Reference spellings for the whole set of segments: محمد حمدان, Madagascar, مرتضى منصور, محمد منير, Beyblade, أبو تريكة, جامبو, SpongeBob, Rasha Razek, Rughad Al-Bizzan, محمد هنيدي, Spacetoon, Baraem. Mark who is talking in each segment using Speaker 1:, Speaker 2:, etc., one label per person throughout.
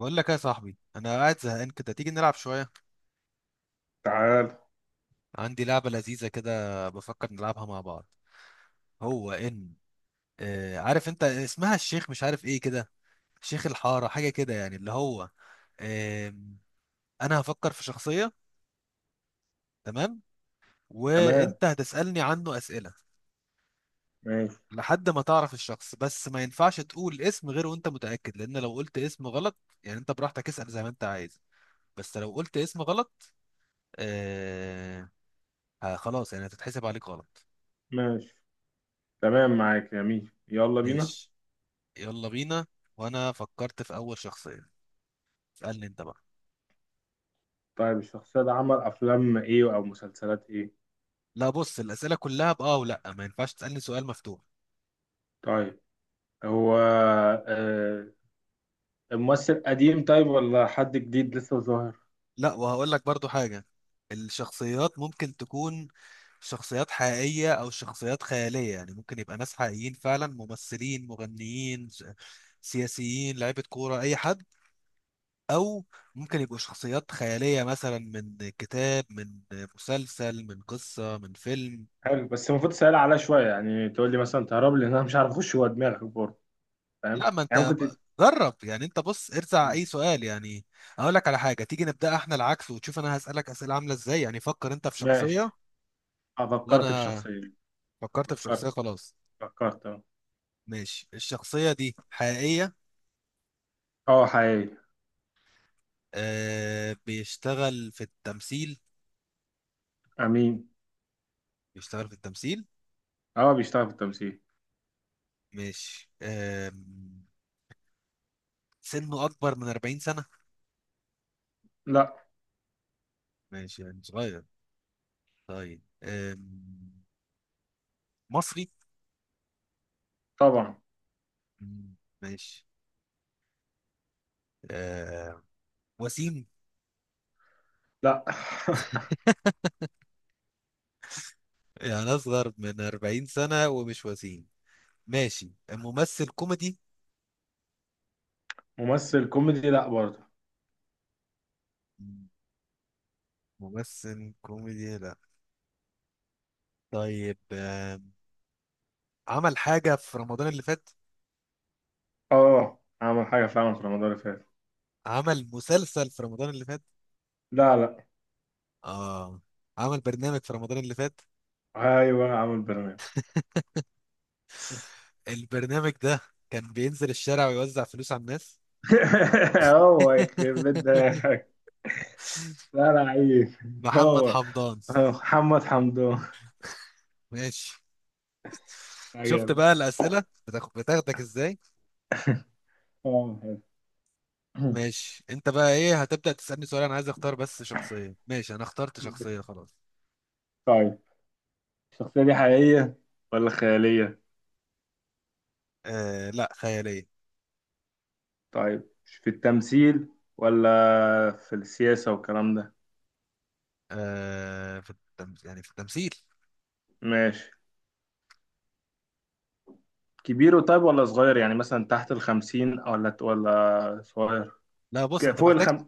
Speaker 1: بقول لك ايه يا صاحبي، انا قاعد زهقان كده. تيجي نلعب شويه؟
Speaker 2: تعال.
Speaker 1: عندي لعبه لذيذه كده بفكر نلعبها مع بعض. هو ان عارف انت اسمها الشيخ مش عارف ايه كده، شيخ الحاره حاجه كده يعني اللي هو. آه انا هفكر في شخصيه، تمام،
Speaker 2: تمام.
Speaker 1: وانت هتسالني عنه اسئله
Speaker 2: ماشي.
Speaker 1: لحد ما تعرف الشخص. بس ما ينفعش تقول اسم غير وانت متاكد، لان لو قلت اسم غلط، يعني انت براحتك اسال زي ما انت عايز، بس لو قلت اسم غلط آه خلاص يعني هتتحسب عليك غلط.
Speaker 2: ماشي. تمام معاك يا مين، يلا بينا.
Speaker 1: ماشي، يلا بينا. وانا فكرت في اول شخصية، اسألني انت بقى.
Speaker 2: طيب الشخصية ده عمل أفلام إيه أو مسلسلات إيه؟
Speaker 1: لا بص، الأسئلة كلها بآه ولا، ما ينفعش تسألني سؤال مفتوح.
Speaker 2: طيب. هو. آه. الممثل قديم طيب ولا حد جديد لسه ظاهر؟
Speaker 1: لا وهقول لك برضو حاجة، الشخصيات ممكن تكون شخصيات حقيقية أو شخصيات خيالية. يعني ممكن يبقى ناس حقيقيين فعلا، ممثلين، مغنيين، سياسيين، لعيبة كورة، أي حد. أو ممكن يبقوا شخصيات خيالية مثلا من كتاب، من مسلسل، من قصة، من فيلم.
Speaker 2: حلو، بس المفروض تسأل عليها شوية، يعني تقول لي مثلا تهرب لي، إن أنا مش عارف أخش جوه دماغك برضه. فاهم؟
Speaker 1: لا ما
Speaker 2: يعني
Speaker 1: انت
Speaker 2: ممكن
Speaker 1: جرب يعني، انت بص ارزع اي
Speaker 2: ماشي.
Speaker 1: سؤال يعني. اقول لك على حاجه، تيجي نبدا احنا العكس وتشوف انا هسالك اسئله عامله ازاي، يعني فكر انت في شخصيه
Speaker 2: ماشي. أه فكرت في
Speaker 1: وانا
Speaker 2: شخصية.
Speaker 1: فكرت في شخصيه
Speaker 2: فكرت.
Speaker 1: خلاص.
Speaker 2: فكرت أه.
Speaker 1: ماشي، الشخصيه دي حقيقيه؟
Speaker 2: أه حقيقي.
Speaker 1: آه، بيشتغل في التمثيل؟
Speaker 2: أمين.
Speaker 1: بيشتغل في التمثيل.
Speaker 2: أه بيشتغل في التمثيل.
Speaker 1: ماشي، سنه اكبر من 40 سنه؟
Speaker 2: لا.
Speaker 1: ماشي يعني صغير. طيب، مصري؟
Speaker 2: طبعا.
Speaker 1: مم، ماشي. آه، وسيم؟
Speaker 2: لا.
Speaker 1: يعني أصغر من 40 سنة ومش وسيم. ماشي، ممثل كوميدي؟
Speaker 2: ممثل كوميدي لا برضه.
Speaker 1: مم. ممثل كوميدي لا. طيب، عمل حاجة في رمضان اللي فات؟
Speaker 2: اه عمل حاجة فعلا في رمضان اللي فات.
Speaker 1: عمل مسلسل في رمضان اللي فات؟
Speaker 2: لا لا.
Speaker 1: اه، عمل برنامج في رمضان اللي فات.
Speaker 2: ايوه عمل برنامج.
Speaker 1: البرنامج ده كان بينزل الشارع ويوزع فلوس على الناس؟
Speaker 2: هو يخرب بيت دماغك. لا لا عيب.
Speaker 1: محمد
Speaker 2: هو.
Speaker 1: حمدان.
Speaker 2: هو محمد حمدان.
Speaker 1: ماشي، شفت
Speaker 2: عجب.
Speaker 1: بقى الأسئلة بتاخدك ازاي.
Speaker 2: اه حلو.
Speaker 1: ماشي انت بقى، ايه، هتبدأ تسألني سؤال، انا عايز اختار بس شخصية. ماشي، انا اخترت شخصية خلاص.
Speaker 2: طيب الشخصية دي حقيقية ولا خيالية؟
Speaker 1: آه لا، خيالية.
Speaker 2: طيب في التمثيل ولا في السياسة والكلام ده؟
Speaker 1: آه في يعني في التمثيل.
Speaker 2: ماشي. كبير طيب ولا صغير، يعني مثلا تحت الخمسين ولا صغير؟
Speaker 1: لا بص انت
Speaker 2: فوق
Speaker 1: محتاج،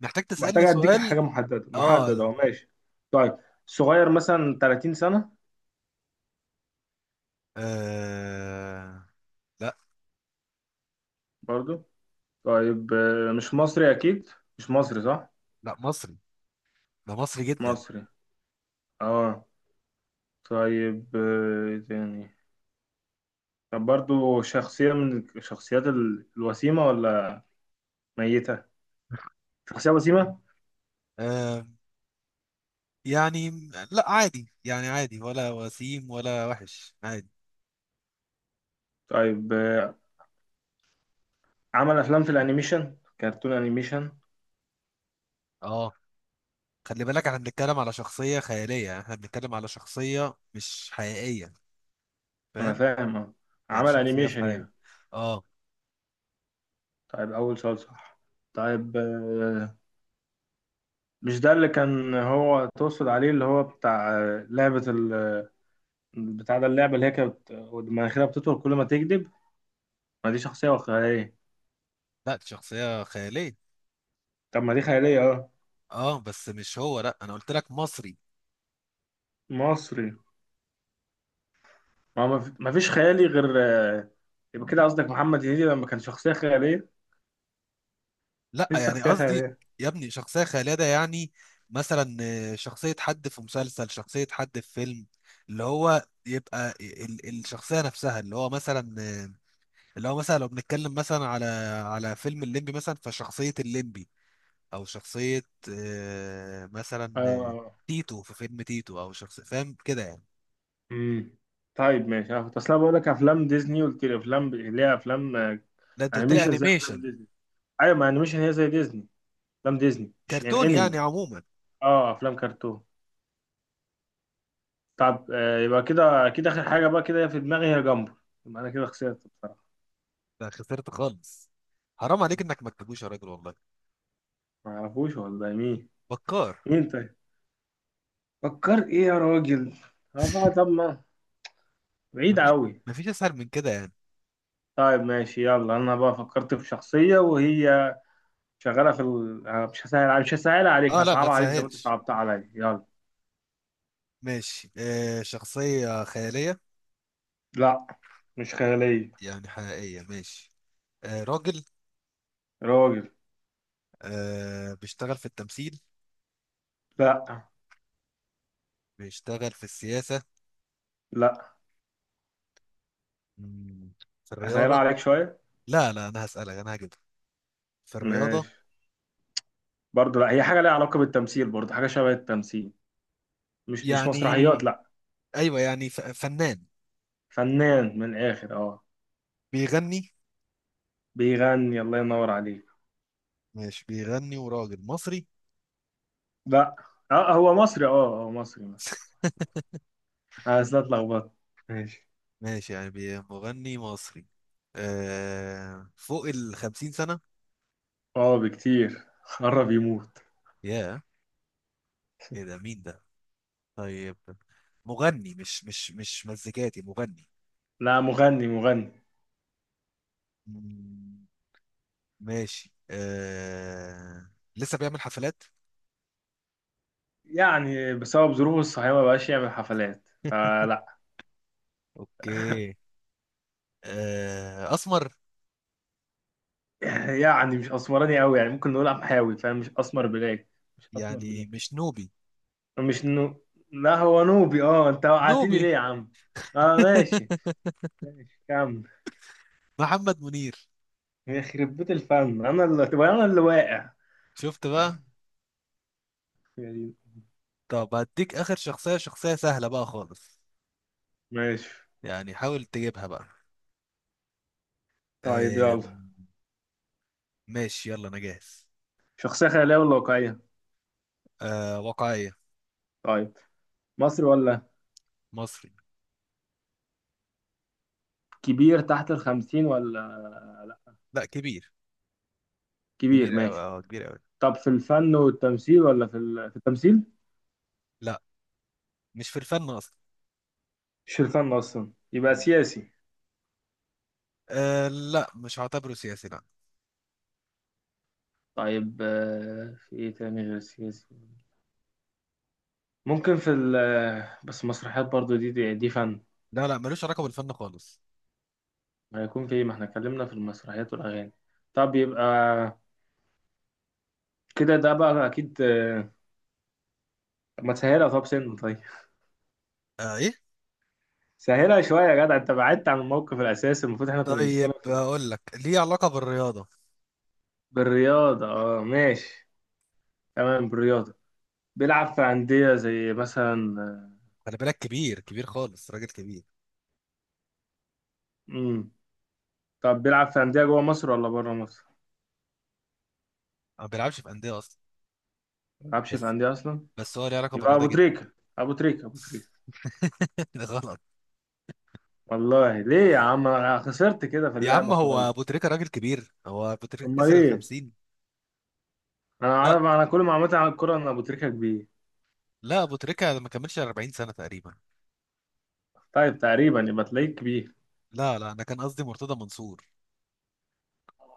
Speaker 1: محتاج
Speaker 2: محتاج
Speaker 1: تسألني
Speaker 2: اديك
Speaker 1: سؤال.
Speaker 2: حاجه محدده محدده، اهو
Speaker 1: اه.
Speaker 2: ماشي. طيب، صغير مثلا 30 سنه؟
Speaker 1: آه لا
Speaker 2: برضو. طيب مش مصري اكيد، مش مصري صح.
Speaker 1: لا، مصري، ده مصري جدا.
Speaker 2: مصري اه. طيب إيه تاني؟ طب برضو شخصيه من الشخصيات الوسيمه ولا ميته؟ شخصيه وسيمه.
Speaker 1: آه. يعني لا، عادي يعني، عادي، ولا وسيم ولا وحش، عادي.
Speaker 2: طيب عمل افلام في الانيميشن كرتون انيميشن؟
Speaker 1: اه. خلي بالك احنا بنتكلم على شخصية خيالية، احنا بنتكلم على شخصية مش حقيقية،
Speaker 2: انا
Speaker 1: فاهم؟
Speaker 2: فاهم اه.
Speaker 1: يعني
Speaker 2: عمل
Speaker 1: شخصية في
Speaker 2: انيميشن
Speaker 1: حاجة.
Speaker 2: يعني.
Speaker 1: اه.
Speaker 2: طيب اول سؤال صح. طيب مش ده اللي كان هو تقصد عليه، اللي هو بتاع لعبة بتاع ده اللعبة اللي هي كانت مناخيرها بتطول كل ما تكذب؟ ما دي شخصية وخيالية.
Speaker 1: لا دي شخصية خيالية.
Speaker 2: طب ما دي خيالية اه.
Speaker 1: اه بس مش هو، لا انا قلت لك مصري.
Speaker 2: مصري. ما هو ما فيش خيالي غير. آه، يبقى كده قصدك محمد هنيدي لما كان شخصية خيالية.
Speaker 1: لا
Speaker 2: مفيش
Speaker 1: يعني
Speaker 2: شخصية
Speaker 1: قصدي،
Speaker 2: خيالية.
Speaker 1: يا ابني شخصية خالدة يعني. مثلا شخصية حد في مسلسل، شخصية حد في فيلم، اللي هو يبقى الشخصية نفسها، اللي هو مثلا اللي هو مثلا لو بنتكلم مثلا على فيلم الليمبي مثلا، فشخصية الليمبي، أو شخصية مثلا
Speaker 2: اه.
Speaker 1: تيتو في فيلم تيتو، أو شخصية، فاهم كده يعني.
Speaker 2: امم. طيب ماشي، انا كنت اصلا بقول لك افلام ديزني، قلت لي افلام اللي هي افلام
Speaker 1: لا أنت قلت لي
Speaker 2: انيميشن زي افلام
Speaker 1: أنيميشن،
Speaker 2: ديزني. ايوه، ما انيميشن هي زي ديزني. افلام ديزني مش يعني
Speaker 1: كرتون يعني
Speaker 2: انمي.
Speaker 1: عموما.
Speaker 2: اه افلام كرتون. طب يبقى كده اكيد اخر حاجه بقى كده في دماغي هي جامبو. يبقى انا كده خسرت بصراحه.
Speaker 1: أنت خسرت خالص، حرام عليك إنك ما تجيبوش يا راجل والله.
Speaker 2: ما اعرفوش والله مين.
Speaker 1: بكار.
Speaker 2: مين طيب؟ فكر ايه يا راجل؟ طب ما بعيد
Speaker 1: مفيش،
Speaker 2: قوي.
Speaker 1: مفيش أسهل من كده يعني.
Speaker 2: طيب ماشي، يلا انا بقى فكرت في شخصيه، وهي شغاله في ال... آه، مش هسهل عليك،
Speaker 1: اه لا ما
Speaker 2: هصعبها عليك زي ما انت
Speaker 1: تسهلش.
Speaker 2: صعبتها عليا، يلا.
Speaker 1: ماشي آه، شخصية خيالية؟
Speaker 2: لا، مش خياليه.
Speaker 1: يعني حقيقية، ماشي. آه راجل؟
Speaker 2: راجل.
Speaker 1: آه، بيشتغل في التمثيل؟
Speaker 2: لا.
Speaker 1: بيشتغل في السياسة؟
Speaker 2: لا.
Speaker 1: مم، في
Speaker 2: هسهل
Speaker 1: الرياضة؟
Speaker 2: عليك شويه.
Speaker 1: لا لا، أنا هسألك، أنا هجيبها. في الرياضة.
Speaker 2: ماشي. برضه لا، هي حاجه ليها علاقه بالتمثيل، برضه حاجه شبه التمثيل، مش مسرحيات
Speaker 1: يعني
Speaker 2: لا.
Speaker 1: أيوة يعني فنان؟
Speaker 2: فنان من الاخر اه.
Speaker 1: بيغني؟
Speaker 2: بيغني الله ينور عليك.
Speaker 1: ماشي بيغني وراجل مصري؟
Speaker 2: لا. اه، هو مصري، اه هو مصري انا أصل اتلخبطت. ماشي.
Speaker 1: ماشي يعني مغني مصري. آه، فوق الخمسين سنة؟
Speaker 2: اه بكتير، قرب يموت.
Speaker 1: ياه، ايه ده، مين ده؟ طيب، مغني مش مزيكاتي، مغني؟
Speaker 2: لا مغني مغني.
Speaker 1: مم، ماشي. لسه بيعمل حفلات؟
Speaker 2: يعني بسبب ظروفه الصحية ما بقاش يعمل حفلات فلا.
Speaker 1: اوكي. اسمر؟
Speaker 2: يعني مش اسمراني قوي، يعني ممكن نقول امحاوي، فاهم، مش اسمر بلاك. مش اسمر
Speaker 1: يعني
Speaker 2: بلاك.
Speaker 1: مش نوبي؟
Speaker 2: مش نو لا هو نوبي اه، انت وقعتني
Speaker 1: نوبي.
Speaker 2: ليه يا عم. اه ماشي. ماشي كمل.
Speaker 1: محمد منير.
Speaker 2: يخرب بيت الفن، انا اللي تبقى انا اللي واقع
Speaker 1: شفت بقى.
Speaker 2: يعني.
Speaker 1: طب هديك اخر شخصية، شخصية سهلة بقى خالص،
Speaker 2: ماشي.
Speaker 1: يعني حاول تجيبها بقى.
Speaker 2: طيب
Speaker 1: آه...
Speaker 2: يلا.
Speaker 1: ماشي يلا انا جاهز.
Speaker 2: شخصية خيالية ولا واقعية؟
Speaker 1: واقعية.
Speaker 2: طيب. مصري ولا؟
Speaker 1: مصري.
Speaker 2: كبير تحت الخمسين ولا؟ لا
Speaker 1: لا كبير،
Speaker 2: كبير.
Speaker 1: كبير قوي،
Speaker 2: ماشي.
Speaker 1: اه كبير قوي.
Speaker 2: طب في الفن والتمثيل ولا في في التمثيل؟
Speaker 1: لا مش في الفن اصلا.
Speaker 2: مش في الفن أصلا يبقى سياسي.
Speaker 1: آه لا، مش هعتبره سياسي لا.
Speaker 2: طيب في إيه تاني غير سياسي؟ ممكن في ال... آه، بس مسرحيات برضو دي فن.
Speaker 1: لا لا، ملوش علاقة بالفن خالص.
Speaker 2: هيكون في إيه؟ ما احنا اتكلمنا في المسرحيات والأغاني. طب يبقى كده ده بقى أكيد. ما تسهلها طب سن طيب.
Speaker 1: آه ايه.
Speaker 2: سهلها شوية يا جدع، انت بعدت عن الموقف الأساسي، المفروض احنا كنا
Speaker 1: طيب
Speaker 2: بنتكلم في
Speaker 1: اقول لك، ليه علاقة بالرياضة.
Speaker 2: بالرياضة اه ماشي. تمام بالرياضة. بيلعب في أندية زي مثلا.
Speaker 1: خلي بالك كبير، كبير خالص، راجل كبير.
Speaker 2: امم. طب بيلعب في أندية جوه مصر ولا بره مصر؟
Speaker 1: ما بيلعبش في أندية أصلا.
Speaker 2: ما بيلعبش في
Speaker 1: بس
Speaker 2: أندية أصلا؟
Speaker 1: بس هو ليه علاقة
Speaker 2: يبقى
Speaker 1: بالرياضة
Speaker 2: أبو
Speaker 1: جدا.
Speaker 2: تريكة. أبو تريكة أبو تريكة.
Speaker 1: غلط.
Speaker 2: والله ليه يا عم، أنا خسرت كده في
Speaker 1: يا
Speaker 2: اللعبة
Speaker 1: عم، هو أبو
Speaker 2: خالص.
Speaker 1: تريكة راجل كبير؟ هو أبو تريكة
Speaker 2: أمال
Speaker 1: كسر ال
Speaker 2: إيه؟
Speaker 1: 50؟
Speaker 2: أنا
Speaker 1: لا،
Speaker 2: أعرف، أنا كل معلوماتي عن الكورة إن أبو تريكة كبير.
Speaker 1: لا أبو تريكة ما كملش 40 سنة تقريبا.
Speaker 2: طيب تقريبا، يبقى تلاقيك كبير.
Speaker 1: لا لا، أنا كان قصدي مرتضى منصور.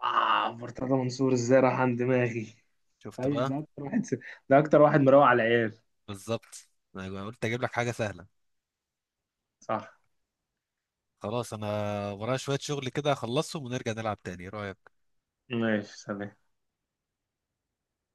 Speaker 2: آه مرتضى منصور، إزاي راح عن دماغي؟
Speaker 1: شفت
Speaker 2: أيوة،
Speaker 1: بقى.
Speaker 2: ده أكتر واحد، ده أكتر واحد مروق على العيال.
Speaker 1: بالظبط، أنا قلت أجيب لك حاجة سهلة.
Speaker 2: صح.
Speaker 1: خلاص أنا ورايا شوية شغل كده أخلصهم ونرجع نلعب تاني، إيه رأيك؟
Speaker 2: ماشي سلام.